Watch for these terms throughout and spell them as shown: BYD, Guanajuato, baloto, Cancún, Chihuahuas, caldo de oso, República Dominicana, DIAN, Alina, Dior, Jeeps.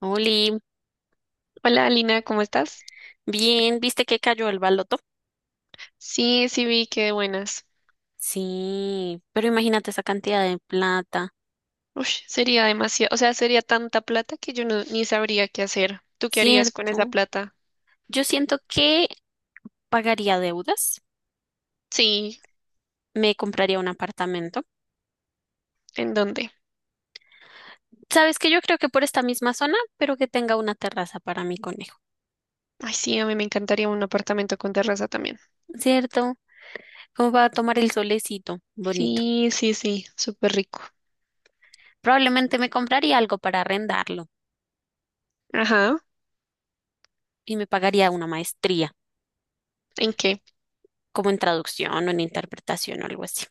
Oli, Hola, Alina, ¿cómo estás? bien, ¿viste que cayó el baloto? Sí, sí vi que de buenas. Sí, pero imagínate esa cantidad de plata, Ush, sería demasiado, o sea, sería tanta plata que yo no, ni sabría qué hacer. ¿Tú qué harías con esa ¿cierto? plata? Yo siento que pagaría deudas, Sí, me compraría un apartamento. ¿en dónde? ¿Sabes que yo creo que por esta misma zona, pero que tenga una terraza para mi conejo, Ay, sí, a mí me encantaría un apartamento con terraza también. ¿cierto? Como para tomar el solecito, bonito. Sí, sí, sí, súper rico. Probablemente me compraría algo para arrendarlo Ajá, y me pagaría una maestría, ¿en qué? como en traducción o en interpretación o algo así.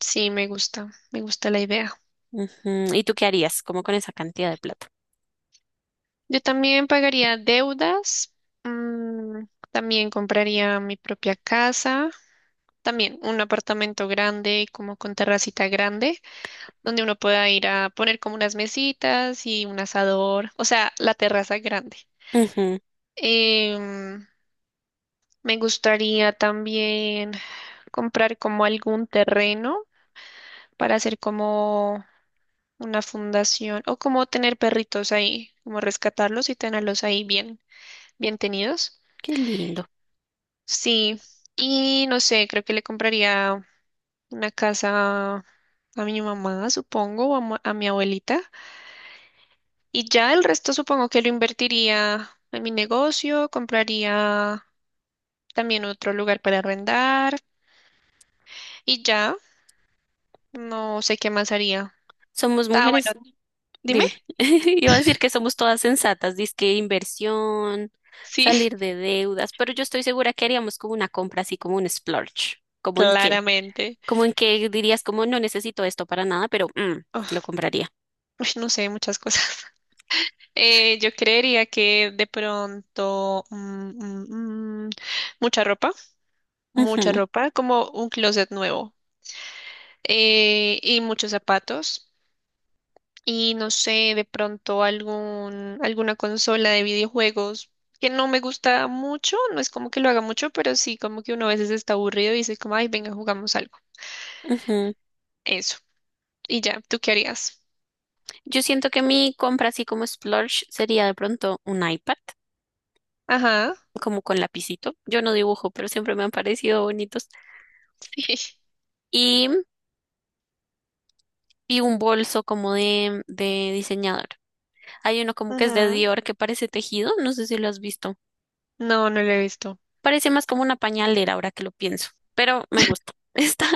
Sí, me gusta la idea. Ujú. ¿Y tú qué harías? ¿Cómo con esa cantidad de plata? Yo también pagaría deudas, mm, también compraría mi propia casa, también un apartamento grande, como con terracita grande, donde uno pueda ir a poner como unas mesitas y un asador, o sea, la terraza grande. Ujú. Em, Me gustaría también comprar como algún terreno para hacer como una fundación o como tener perritos ahí, como rescatarlos y tenerlos ahí bien, bien tenidos. Qué lindo. Sí, y no sé, creo que le compraría una casa a mi mamá, supongo, o a mi abuelita. Y ya el resto supongo que lo invertiría en mi negocio, compraría también otro lugar para arrendar y ya no sé qué más haría. Somos Ah, mujeres. bueno, dime. Dime, iba a decir que somos todas sensatas, dizque inversión, Sí, salir de deudas, pero yo estoy segura que haríamos como una compra así como un splurge. ¿Cómo en qué? claramente. ¿Cómo en qué dirías como no necesito esto para nada, pero lo Oh, compraría? uy, no sé, muchas cosas. Yo creería que de pronto mm, mm, mucha ropa, mucha Ujú, ropa, como un closet nuevo, y muchos zapatos. Y no sé, de pronto algún, alguna consola de videojuegos que no me gusta mucho, no es como que lo haga mucho, pero sí como que uno a veces está aburrido y dice como, ay, venga, jugamos algo. ujú. Eso. Y ya, ¿tú qué harías? Yo siento que mi compra así como splurge sería de pronto un iPad, Ajá. como con lapicito. Yo no dibujo, pero siempre me han parecido bonitos. Y, y un bolso como de diseñador. Hay uno como que es de Ujú. Dior que parece tejido, no sé si lo has visto. No, no lo he visto. Parece más como una pañalera ahora que lo pienso, pero me gusta. Está,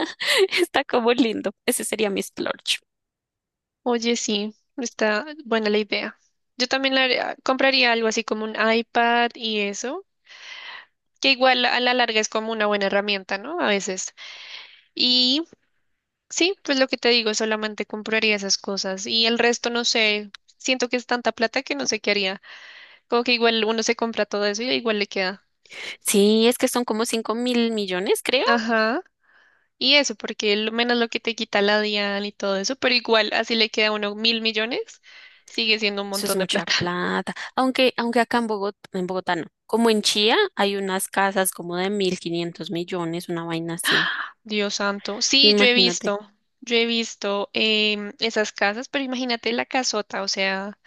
está como lindo. Ese sería mi splurge. Oye, sí, está buena la idea. Yo también compraría algo así como un iPad y eso, que igual a la larga es como una buena herramienta, ¿no? A veces. y Sí, pues lo que te digo, solamente compraría esas cosas y el resto no sé, siento que es tanta plata que no sé qué haría. Como que igual uno se compra todo eso y igual le queda. Sí, es que son como 5.000 millones, creo. Ajá. Y eso, porque lo menos lo que te quita la DIAN y todo eso, pero igual así le queda a uno 1.000 millones, sigue siendo un Eso es montón de mucha plata. plata. Aunque acá en Bogotá no. Como en Chía hay unas casas como de 1.500 millones, una vaina así. Dios santo. Sí, Imagínate. Yo he visto esas casas, pero imagínate la casota, o sea,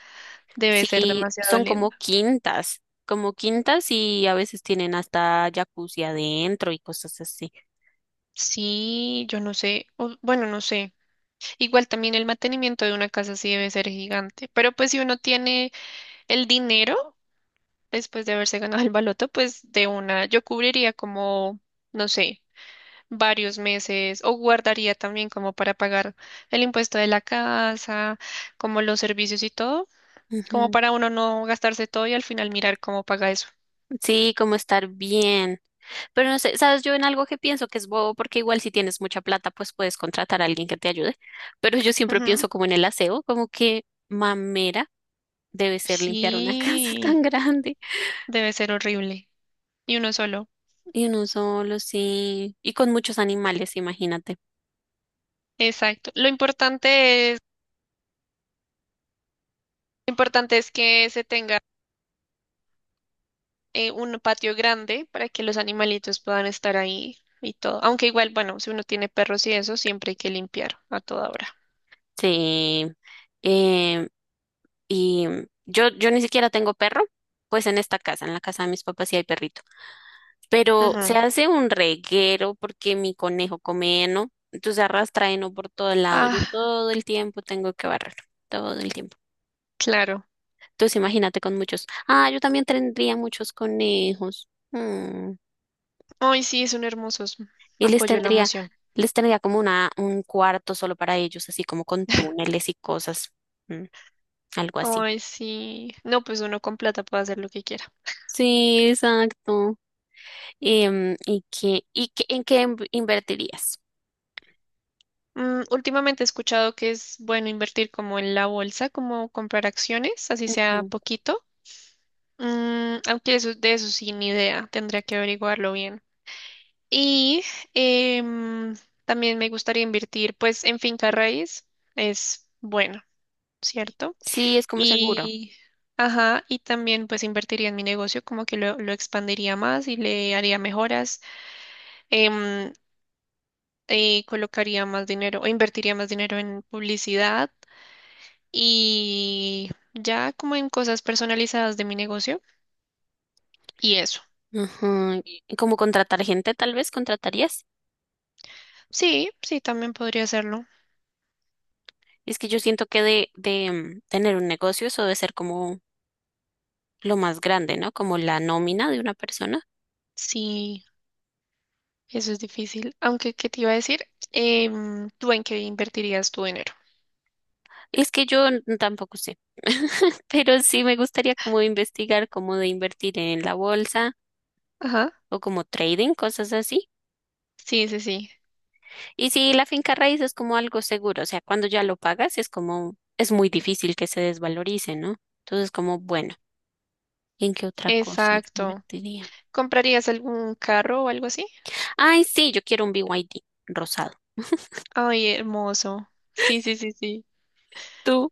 debe ser Sí, demasiado son linda. Como quintas y a veces tienen hasta jacuzzi adentro y cosas así. Sí, yo no sé, bueno, no sé. Igual también el mantenimiento de una casa sí debe ser gigante, pero pues si uno tiene el dinero después de haberse ganado el baloto, pues de una, yo cubriría como, no sé, varios meses o guardaría también como para pagar el impuesto de la casa, como los servicios y todo, como Ujú. para uno no gastarse todo y al final mirar cómo paga eso. Sí, como estar bien. Pero no sé, sabes, yo en algo que pienso que es bobo, porque igual si tienes mucha plata, pues puedes contratar a alguien que te ayude. Pero yo siempre Ujú. pienso como en el aseo, como que mamera debe ser limpiar una casa tan Sí, grande. debe ser horrible. Y uno solo. Y uno solo, sí. Y con muchos animales, imagínate. Exacto. Lo importante es que se tenga un patio grande para que los animalitos puedan estar ahí y todo. Aunque igual, bueno, si uno tiene perros y eso, siempre hay que limpiar a toda hora. Sí. Eh, y yo ni siquiera tengo perro, pues en esta casa, en la casa de mis papás sí hay perrito. Pero se Ujú. hace un reguero porque mi conejo come heno, entonces arrastra heno por todo el lado. Yo Ah, todo el tiempo tengo que barrerlo, todo el tiempo. claro. Entonces imagínate con muchos. Ah, yo también tendría muchos conejos. Mm. Ay, sí, son hermosos. Y Apoyo la moción. les tendría como una, un cuarto solo para ellos, así como con túneles y cosas, mm, algo así. Ay, sí. No, pues uno con plata puede hacer lo que quiera. Sí, exacto. ¿En qué invertirías? Últimamente he escuchado que es bueno invertir como en la bolsa, como comprar acciones, así sea Ujú. poquito. Aunque eso, de eso sí, ni idea. Tendría que averiguarlo bien. Y em, también me gustaría invertir pues en finca raíz, es bueno, ¿cierto? Sí, es como seguro. Y, ajá, y también pues invertiría en mi negocio, como que lo expandiría más y le haría mejoras, em, colocaría más dinero o invertiría más dinero en publicidad y ya como en cosas personalizadas de mi negocio y eso. Ajá, y como contratar gente, tal vez contratarías. Sí, sí, también podría hacerlo. Es que yo siento que tener un negocio eso debe ser como lo más grande, ¿no? Como la nómina de una persona. Sí. Eso es difícil. Aunque, ¿qué te iba a decir? ¿Tú en qué invertirías tu dinero? Es que yo n- tampoco sé, pero sí me gustaría como investigar cómo de invertir en la bolsa Ajá. o como trading, cosas así. Sí, sí, sí. Y sí, la finca raíz es como algo seguro, o sea, cuando ya lo pagas es como, es muy difícil que se desvalorice, ¿no? Entonces, como, bueno, ¿en qué otra cosa yo Exacto. invertiría? ¿Comprarías algún carro o algo así? Ay, sí, yo quiero un BYD rosado. Ay, hermoso. Sí, sí, sí, sí. ¿Tú?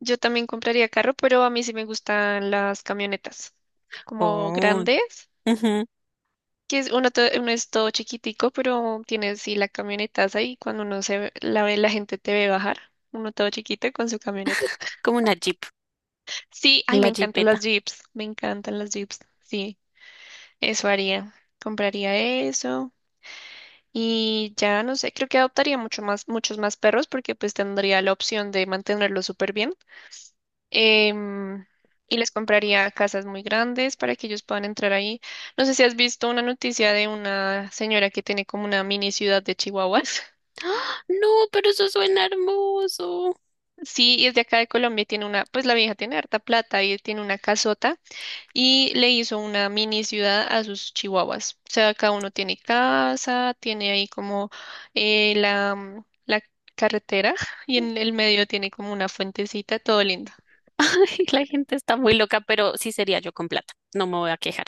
Yo también compraría carro, pero a mí sí me gustan las camionetas, como Oh, grandes, ujú, que es uno, uno es todo chiquitico, pero tienes sí la camioneta ahí cuando uno la ve, la gente te ve bajar, uno todo chiquito con su camioneta. como una Jeep, Sí, ay, me la encantan las Jeepeta. Jeeps, me encantan las Jeeps, sí. Eso haría. Compraría eso y ya no sé, creo que adoptaría mucho más, muchos más perros porque pues tendría la opción de mantenerlos súper bien. Em, y les compraría casas muy grandes para que ellos puedan entrar ahí. No sé si has visto una noticia de una señora que tiene como una mini ciudad de Chihuahuas. No, pero eso suena hermoso. Sí, y es de acá de Colombia y tiene una, pues la vieja tiene harta plata y tiene una casota y le hizo una mini ciudad a sus chihuahuas. O sea, cada uno tiene casa, tiene ahí como la carretera y en el medio tiene como una fuentecita, todo lindo, Ay, la gente está muy loca, pero sí sería yo con plata. No me voy a quejar.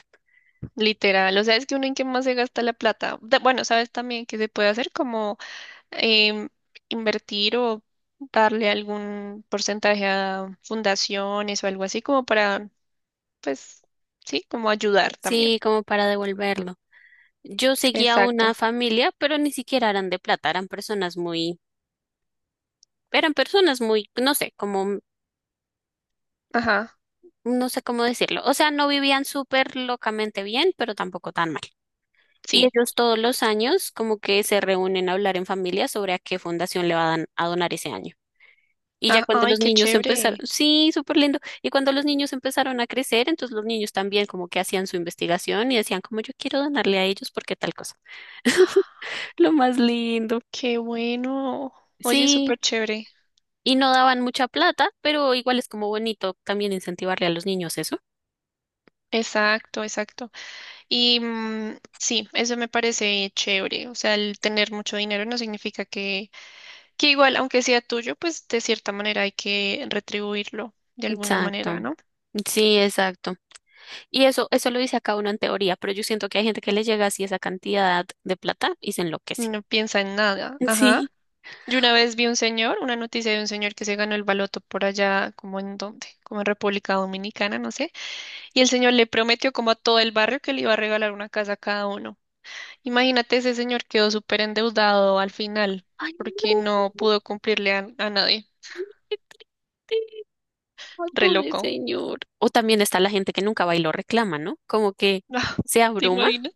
literal. O sea, es que uno en qué más se gasta la plata. Bueno, sabes también que se puede hacer como em, invertir o darle algún porcentaje a fundaciones o algo así como para, pues, sí, como ayudar Sí, también. como para devolverlo. Yo seguía una Exacto. familia, pero ni siquiera eran de plata, eran personas muy, no sé, como, Ajá, no sé cómo decirlo. O sea, no vivían súper locamente bien, pero tampoco tan mal. Y sí. ellos todos los años como que se reúnen a hablar en familia sobre a qué fundación le van a donar ese año. Y ya Ah, cuando ay, los qué niños empezaron, chévere. sí, súper lindo. Y cuando los niños empezaron a crecer, entonces los niños también como que hacían su investigación y decían como yo quiero donarle a ellos porque tal cosa. Lo más lindo. Qué bueno. Oye, Sí, súper chévere. y no daban mucha plata, pero igual es como bonito también incentivarle a los niños eso. Exacto, exacto. Y sí, eso me parece chévere. O sea, el tener mucho dinero no significa que igual, aunque sea tuyo, pues de cierta manera hay que retribuirlo de alguna Exacto. manera, ¿no? Sí, exacto. Y eso lo dice acá uno en teoría, pero yo siento que hay gente que le llega así esa cantidad de plata y se enloquece. No piensa en nada. Ajá. Sí. Yo una vez vi un señor, una noticia de un señor que se ganó el baloto por allá, como en dónde, como en República Dominicana, no sé. Y el señor le prometió como a todo el barrio que le iba a regalar una casa a cada uno. Imagínate, ese señor quedó súper endeudado al final Ay, porque no no, pudo cumplirle a nadie. qué triste. Ay, Re pobre loco. señor. O también está la gente que nunca va y lo reclama, ¿no? Como que se ¿Te abruma, imaginas?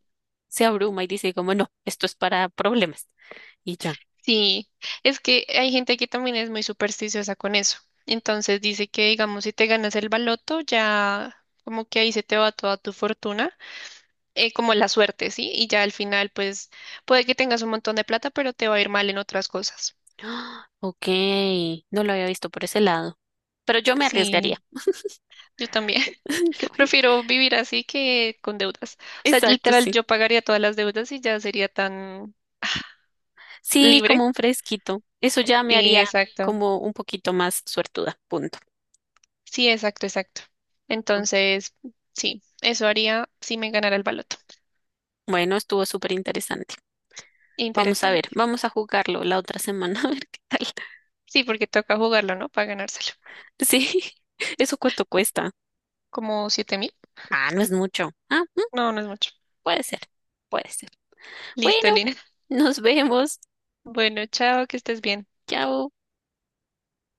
se abruma y dice como, no, esto es para problemas. Y ya. Sí, es que hay gente que también es muy supersticiosa con eso. Entonces dice que, digamos, si te ganas el baloto, ya como que ahí se te va toda tu fortuna, como la suerte, ¿sí? Y ya al final, pues, puede que tengas un montón de plata, pero te va a ir mal en otras cosas. Ah, Ok, no lo había visto por ese lado. Pero yo me arriesgaría. Sí, yo también. Como que- Prefiero vivir así que con deudas. O sea, Exacto, literal, sí. yo pagaría todas las deudas y ya sería tan Sí, libre. como un fresquito. Eso ya me Sí, haría exacto. como un poquito más suertuda. Punto. Sí, exacto, exacto. Entonces, sí, eso haría si me ganara el baloto. Bueno, estuvo súper interesante. Vamos a ver, Interesante. vamos a jugarlo la otra semana, a ver qué tal. Sí, porque toca jugarlo, ¿no? Para ganárselo. Sí, ¿eso cuánto cuesta? ¿Como 7.000? Ah, no es mucho. Ah, No, no es mucho. puede ser, puede ser. Listo, Bueno, Lina. nos vemos. Bueno, chao, que estés bien. Chao.